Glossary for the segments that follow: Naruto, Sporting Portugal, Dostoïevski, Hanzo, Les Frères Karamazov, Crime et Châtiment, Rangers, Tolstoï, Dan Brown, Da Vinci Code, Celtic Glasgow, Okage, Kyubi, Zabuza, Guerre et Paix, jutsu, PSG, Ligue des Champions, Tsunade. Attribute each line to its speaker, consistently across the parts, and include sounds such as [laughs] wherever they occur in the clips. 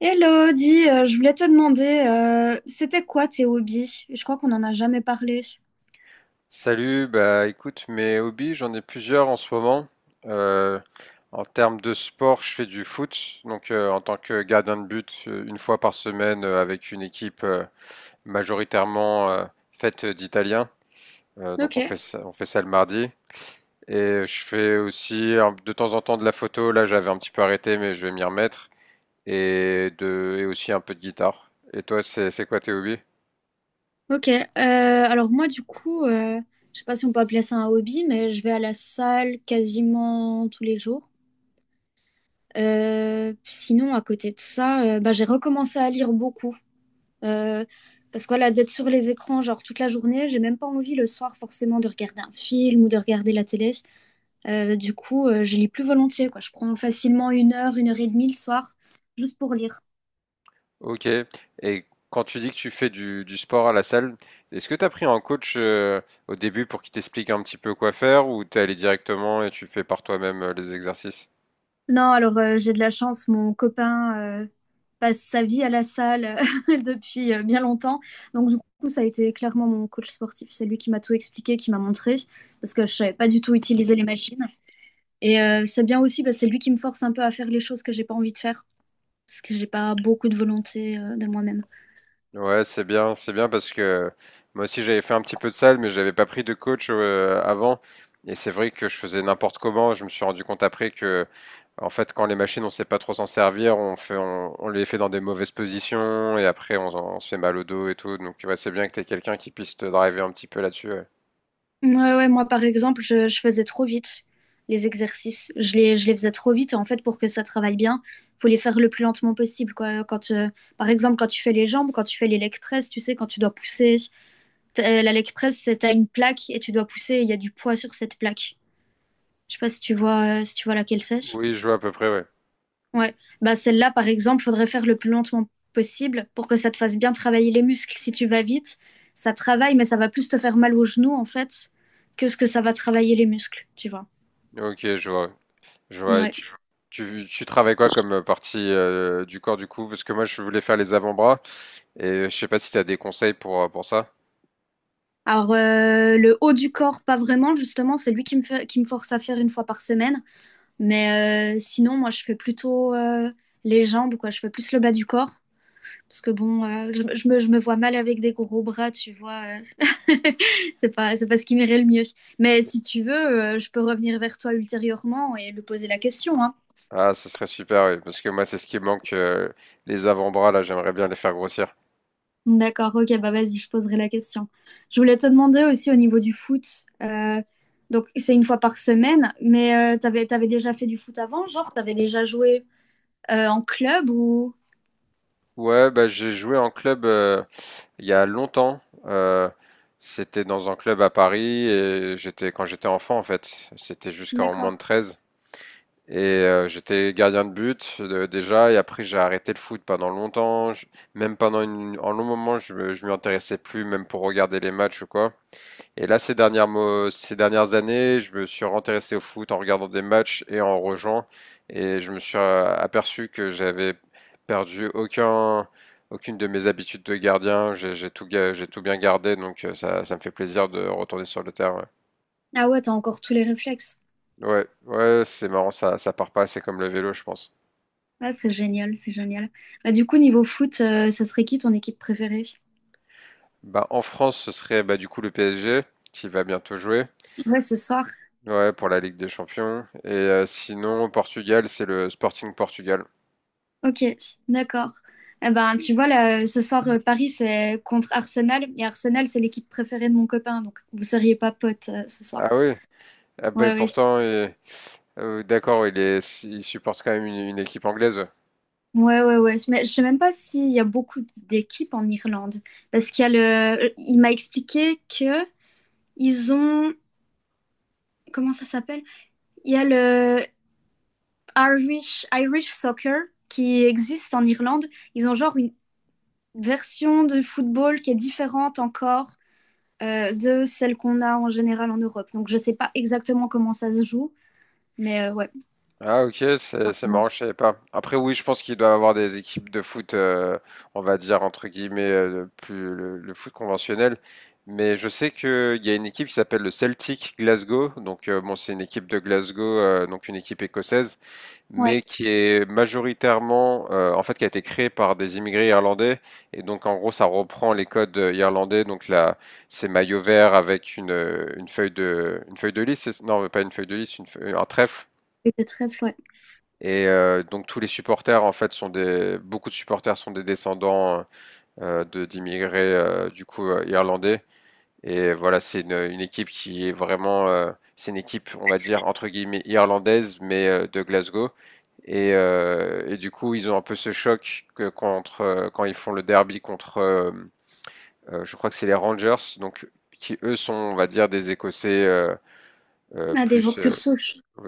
Speaker 1: Hello, dis, je voulais te demander, c'était quoi tes hobbies? Je crois qu'on n'en a jamais parlé.
Speaker 2: Salut, bah écoute, mes hobbies, j'en ai plusieurs en ce moment. Euh, En termes de sport, je fais du foot, donc en tant que gardien de but, une fois par semaine avec une équipe majoritairement faite d'Italiens. Donc
Speaker 1: Ok,
Speaker 2: on fait ça le mardi. Et je fais aussi de temps en temps de la photo. Là, j'avais un petit peu arrêté, mais je vais m'y remettre. Et aussi un peu de guitare. Et toi, c'est quoi tes hobbies?
Speaker 1: ok. Alors moi, du coup, je sais pas si on peut appeler ça un hobby, mais je vais à la salle quasiment tous les jours. Sinon, à côté de ça, bah, j'ai recommencé à lire beaucoup. Euh, parce que voilà, d'être sur les écrans genre toute la journée, j'ai même pas envie le soir forcément de regarder un film ou de regarder la télé. Du coup, je lis plus volontiers, quoi. Je prends facilement une heure et demie le soir, juste pour lire.
Speaker 2: Ok. Et quand tu dis que tu fais du sport à la salle, est-ce que tu as pris un coach au début pour qu'il t'explique un petit peu quoi faire ou t'es allé directement et tu fais par toi-même les exercices?
Speaker 1: Non, alors j'ai de la chance, mon copain passe sa vie à la salle [laughs] depuis bien longtemps. Donc du coup, ça a été clairement mon coach sportif. C'est lui qui m'a tout expliqué, qui m'a montré, parce que je savais pas du tout utiliser les machines. Et c'est bien aussi, bah, c'est lui qui me force un peu à faire les choses que j'ai pas envie de faire, parce que j'ai pas beaucoup de volonté de moi-même.
Speaker 2: Ouais, c'est bien parce que moi aussi j'avais fait un petit peu de salle, mais j'avais pas pris de coach avant. Et c'est vrai que je faisais n'importe comment. Je me suis rendu compte après que, en fait, quand les machines, on sait pas trop s'en servir, on fait, on les fait dans des mauvaises positions et après on se fait mal au dos et tout. Donc ouais, c'est bien que t'aies quelqu'un qui puisse te driver un petit peu là-dessus, ouais.
Speaker 1: Ouais, ouais, moi par exemple, je faisais trop vite les exercices. Je les faisais trop vite. En fait, pour que ça travaille bien, faut les faire le plus lentement possible, quoi. Par exemple, quand tu fais les jambes, quand tu fais les leg press, tu sais, quand tu dois pousser, la leg press, c'est t'as une plaque et tu dois pousser. Il y a du poids sur cette plaque. Je sais pas si tu vois, si tu vois laquelle c'est.
Speaker 2: Oui, je vois à peu près, ouais.
Speaker 1: Ouais. Bah celle-là, par exemple, faudrait faire le plus lentement possible pour que ça te fasse bien travailler les muscles. Si tu vas vite, ça travaille, mais ça va plus te faire mal aux genoux, en fait, que ce que ça va travailler les muscles, tu vois.
Speaker 2: Ok, je vois. Je vois.
Speaker 1: Ouais.
Speaker 2: Tu travailles quoi comme partie du corps du coup? Parce que moi, je voulais faire les avant-bras et je sais pas si tu as des conseils pour ça.
Speaker 1: Alors, le haut du corps, pas vraiment, justement, c'est lui qui me fait, qui me force à faire une fois par semaine. Mais sinon, moi, je fais plutôt les jambes, quoi. Je fais plus le bas du corps. Parce que bon, je me vois mal avec des gros bras, tu vois. euh. [laughs] C'est pas ce qui m'irait le mieux. Mais si tu veux, je peux revenir vers toi ultérieurement et lui poser la question, hein.
Speaker 2: Ah, ce serait super, oui, parce que moi, c'est ce qui me manque, les avant-bras, là, j'aimerais bien les faire grossir.
Speaker 1: D'accord, ok, bah vas-y, je poserai la question. Je voulais te demander aussi au niveau du foot, euh, donc c'est une fois par semaine, mais t'avais déjà fait du foot avant, genre t'avais déjà joué en club ou...
Speaker 2: Ouais, bah, j'ai joué en club il y a longtemps. C'était dans un club à Paris et j'étais quand j'étais enfant, en fait. C'était jusqu'en moins de
Speaker 1: D'accord.
Speaker 2: 13. Et j'étais gardien de but déjà, et après j'ai arrêté le foot pendant longtemps. Même un long moment, je m'y intéressais plus, même pour regarder les matchs ou quoi. Et là, ces dernières années, je me suis intéressé au foot en regardant des matchs et en rejoignant. Et je me suis aperçu que j'avais perdu aucun, aucune de mes habitudes de gardien. J'ai tout bien gardé, donc ça, ça me fait plaisir de retourner sur le terrain.
Speaker 1: Ah ouais, t'as encore tous les réflexes.
Speaker 2: Ouais, ouais, ouais, c'est marrant, ça part pas, c'est comme le vélo, je pense.
Speaker 1: Ah, c'est génial, c'est génial. Bah, du coup, niveau foot, ce serait qui ton équipe préférée?
Speaker 2: Bah, en France, ce serait bah, du coup le PSG qui va bientôt jouer,
Speaker 1: Ouais, ce soir.
Speaker 2: ouais, pour la Ligue des Champions. Et sinon, au Portugal, c'est le Sporting Portugal.
Speaker 1: Ok, d'accord. Eh ben, tu vois, là, ce soir, Paris, c'est contre Arsenal, et Arsenal, c'est l'équipe préférée de mon copain, donc vous seriez pas potes ce
Speaker 2: Ah
Speaker 1: soir.
Speaker 2: oui, ah, bah,
Speaker 1: Ouais, ouais.
Speaker 2: d'accord, il supporte quand même une équipe anglaise.
Speaker 1: Ouais, ouais, ouais. Mais je sais même pas s'il y a beaucoup d'équipes en Irlande. Parce qu'il y a le. Il m'a expliqué que ils ont. Comment ça s'appelle? Il y a le Irish, Irish Soccer qui existe en Irlande. Ils ont genre une version de football qui est différente encore de celle qu'on a en général en Europe. Donc je sais pas exactement comment ça se joue. Mais ouais,
Speaker 2: Ah ok, c'est
Speaker 1: apparemment.
Speaker 2: marrant, je savais pas. Après oui, je pense qu'il doit avoir des équipes de foot, on va dire entre guillemets, plus le foot conventionnel. Mais je sais qu'il y a une équipe qui s'appelle le Celtic Glasgow. Donc bon, c'est une équipe de Glasgow, donc une équipe écossaise, mais
Speaker 1: Ouais,
Speaker 2: qui est majoritairement, en fait, qui a été créé par des immigrés irlandais. Et donc, en gros, ça reprend les codes irlandais. Donc là, c'est maillot vert avec une feuille une feuille de lys. Non, pas une feuille de lys, un trèfle.
Speaker 1: c'est très ouais.
Speaker 2: Et donc tous les supporters en fait sont des beaucoup de supporters sont des descendants de d'immigrés irlandais et voilà c'est une équipe qui est vraiment c'est une équipe on va dire entre guillemets irlandaise mais de Glasgow et du coup, ils ont un peu ce choc quand ils font le derby je crois que c'est les Rangers, donc qui eux sont, on va dire, des Écossais
Speaker 1: Ah, des
Speaker 2: plus
Speaker 1: purs.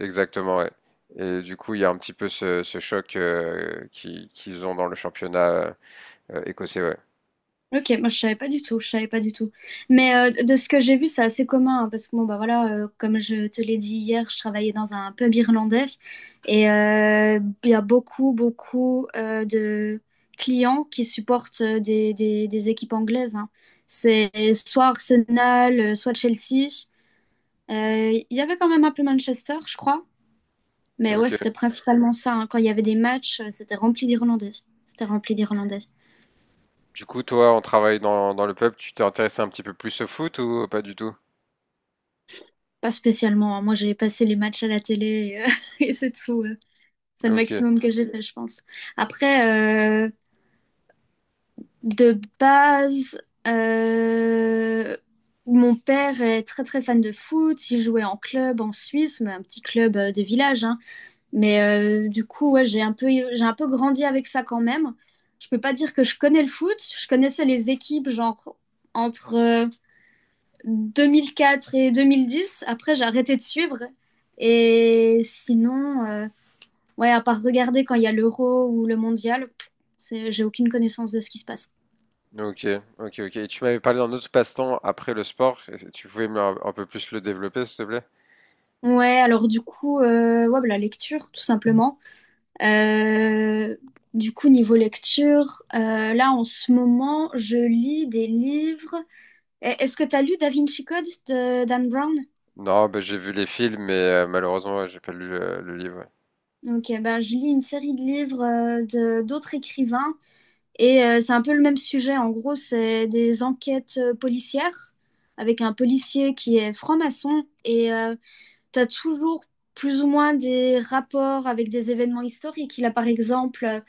Speaker 2: exactement, ouais. Et du coup, il y a un petit peu ce choc qu'ils ont dans le championnat écossais. Ouais.
Speaker 1: Ok, moi je savais pas du tout, je savais pas du tout. Mais de ce que j'ai vu, c'est assez commun hein, parce que bon bah voilà, comme je te l'ai dit hier, je travaillais dans un pub irlandais et il y a beaucoup beaucoup de clients qui supportent des équipes anglaises. Hein. C'est soit Arsenal, soit Chelsea. Il y avait quand même un peu Manchester, je crois. Mais ouais,
Speaker 2: Ok.
Speaker 1: c'était principalement ça. Hein. Quand il y avait des matchs, c'était rempli d'Irlandais. C'était rempli d'Irlandais.
Speaker 2: Du coup, toi, en travaillant dans le pub, tu t'es intéressé un petit peu plus au foot ou pas du tout?
Speaker 1: Pas spécialement. Hein. Moi, j'ai passé les matchs à la télé et, euh, [laughs] et c'est tout. C'est le
Speaker 2: Ok,
Speaker 1: maximum que j'ai fait, je pense. Après, euh, de base, euh, mon père est très très fan de foot. Il jouait en club en Suisse, mais un petit club de village. Hein. Mais du coup, ouais, j'ai un peu grandi avec ça quand même. Je peux pas dire que je connais le foot. Je connaissais les équipes, genre entre 2004 et 2010. Après, j'ai arrêté de suivre. Et sinon, ouais, à part regarder quand il y a l'euro ou le mondial, c'est- j'ai aucune connaissance de ce qui se passe.
Speaker 2: ok, ok. Et tu m'avais parlé d'un autre passe-temps après le sport. Tu pouvais me- un peu plus le développer, s'il te plaît?
Speaker 1: Ouais, alors du coup, ouais, bah, la lecture, tout simplement. Euh, du coup, niveau lecture, là, en ce moment, je lis des livres. Eh, est-ce que tu as lu Da Vinci Code de Dan Brown?
Speaker 2: Non, bah, j'ai vu les films, mais malheureusement, ouais, j'ai pas lu le livre.
Speaker 1: Ok, bah, je lis une série de livres de d'autres écrivains. Et c'est un peu le même sujet. En gros, c'est des enquêtes policières avec un policier qui est franc-maçon. Et tu as toujours plus ou moins des rapports avec des événements historiques. Il a par exemple,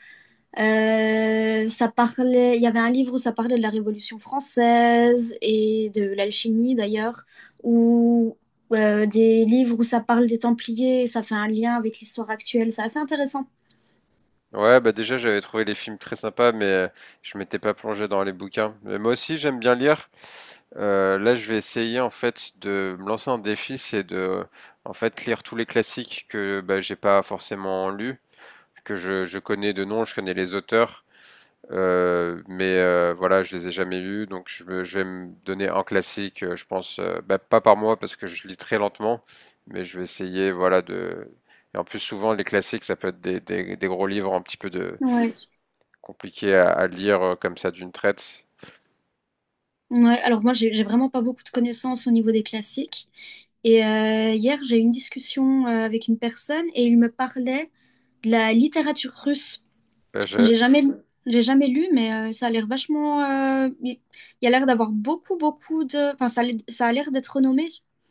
Speaker 1: il y avait un livre où ça parlait de la Révolution française et de l'alchimie d'ailleurs, ou des livres où ça parle des Templiers, ça fait un lien avec l'histoire actuelle, c'est assez intéressant.
Speaker 2: Ouais, bah déjà, j'avais trouvé les films très sympas, mais je m'étais pas plongé dans les bouquins. Mais moi aussi, j'aime bien lire. Là, je vais essayer en fait de me lancer un défi, c'est de en fait lire tous les classiques que bah, j'ai pas forcément lus, je connais de nom, je connais les auteurs. Voilà, je les ai jamais lus, donc je vais me donner un classique, je pense, bah, pas par mois parce que je lis très lentement, mais je vais essayer, voilà, de. Et en plus, souvent, les classiques, ça peut être des gros livres un petit peu de
Speaker 1: Ouais.
Speaker 2: compliqués à lire comme ça d'une traite.
Speaker 1: Ouais, alors moi, j'ai vraiment pas beaucoup de connaissances au niveau des classiques. Et hier, j'ai eu une discussion avec une personne et il me parlait de la littérature russe.
Speaker 2: Bah, je-
Speaker 1: J'ai jamais, j'ai jamais lu, mais ça a l'air vachement. Il y a l'air d'avoir beaucoup, beaucoup de. Enfin, ça a l'air d'être renommé.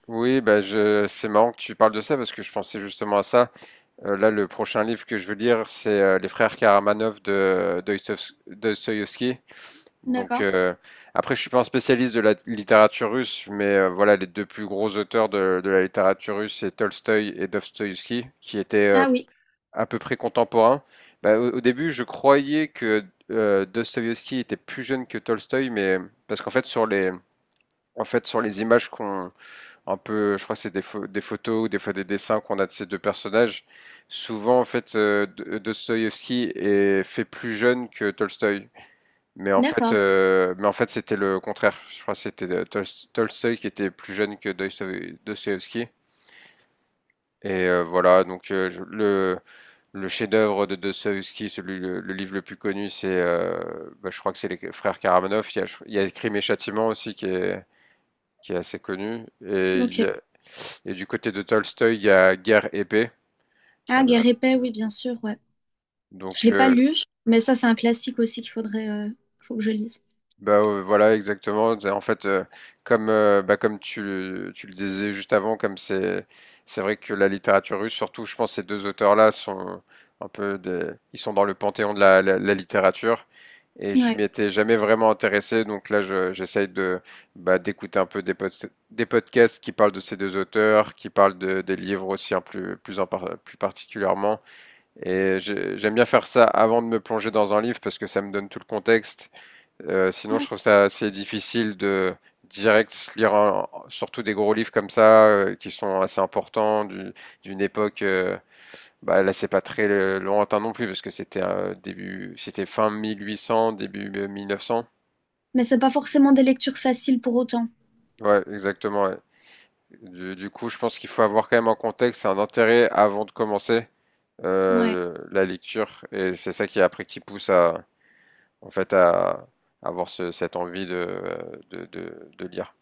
Speaker 2: Oui, bah je... c'est marrant que tu parles de ça parce que je pensais justement à ça. Là, le prochain livre que je veux lire, c'est Les Frères Karamazov de Dostoïevski. Donc
Speaker 1: D'accord.
Speaker 2: après, je suis pas un spécialiste de la littérature russe, mais voilà, les deux plus gros auteurs de la littérature russe, c'est Tolstoï et Dostoïevski, qui étaient
Speaker 1: Ah oui,
Speaker 2: à peu près contemporains. Au début, je croyais que Dostoïevski était plus jeune que Tolstoï, mais parce qu'en fait, sur les images qu'on un peu, je crois que c'est des photos ou des fois des dessins qu'on a de ces deux personnages, souvent en fait, Dostoïevski est fait plus jeune que Tolstoï.
Speaker 1: d'accord.
Speaker 2: Mais en fait, c'était le contraire. Je crois que c'était Tolstoï qui était plus jeune que Dostoïevski. Et voilà, donc le chef-d'œuvre de Dostoïevski, le livre le plus connu, c'est, bah, je crois que c'est les frères Karamazov. Il y a Crime et Châtiment aussi qui est assez connu.
Speaker 1: Ok.
Speaker 2: Et du côté de Tolstoï, il y a Guerre et Paix. Euh,
Speaker 1: Ah, Guerre et Paix, oui, bien sûr, ouais. Je
Speaker 2: donc
Speaker 1: l'ai pas
Speaker 2: euh,
Speaker 1: lu, mais ça, c'est un classique aussi qu'il faudrait, faut que je lise.
Speaker 2: Bah, voilà exactement, en fait, comme tu le disais juste avant, comme c'est vrai que la littérature russe, surtout je pense ces 2 auteurs-là sont un peu des ils sont dans le panthéon de la littérature et je m'y
Speaker 1: Ouais.
Speaker 2: étais jamais vraiment intéressé donc là je j'essaye de, bah, d'écouter un peu des podcasts qui parlent de ces 2 auteurs, qui parlent de des livres aussi, hein, plus particulièrement et j'aime bien faire ça avant de me plonger dans un livre parce que ça me donne tout le contexte sinon, je
Speaker 1: Ah.
Speaker 2: trouve ça assez difficile de direct se lire surtout des gros livres comme ça qui sont assez importants d'une époque. Bah là, c'est pas très lointain non plus parce que c'était c'était fin 1800, début 1900.
Speaker 1: Mais c'est pas forcément des lectures faciles pour autant.
Speaker 2: Ouais, exactement, ouais. Du coup, je pense qu'il faut avoir quand même un contexte et un intérêt avant de commencer
Speaker 1: Ouais.
Speaker 2: la lecture et c'est ça qui après qui pousse à en fait à avoir cette envie de, de lire.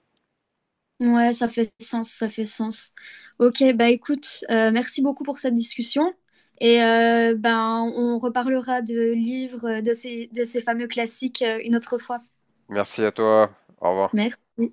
Speaker 1: Ouais, ça fait sens, ça fait sens. Ok, bah écoute, merci beaucoup pour cette discussion. Et ben, on reparlera de livres, de ces fameux classiques, une autre fois.
Speaker 2: Merci à toi. Au revoir.
Speaker 1: Merci.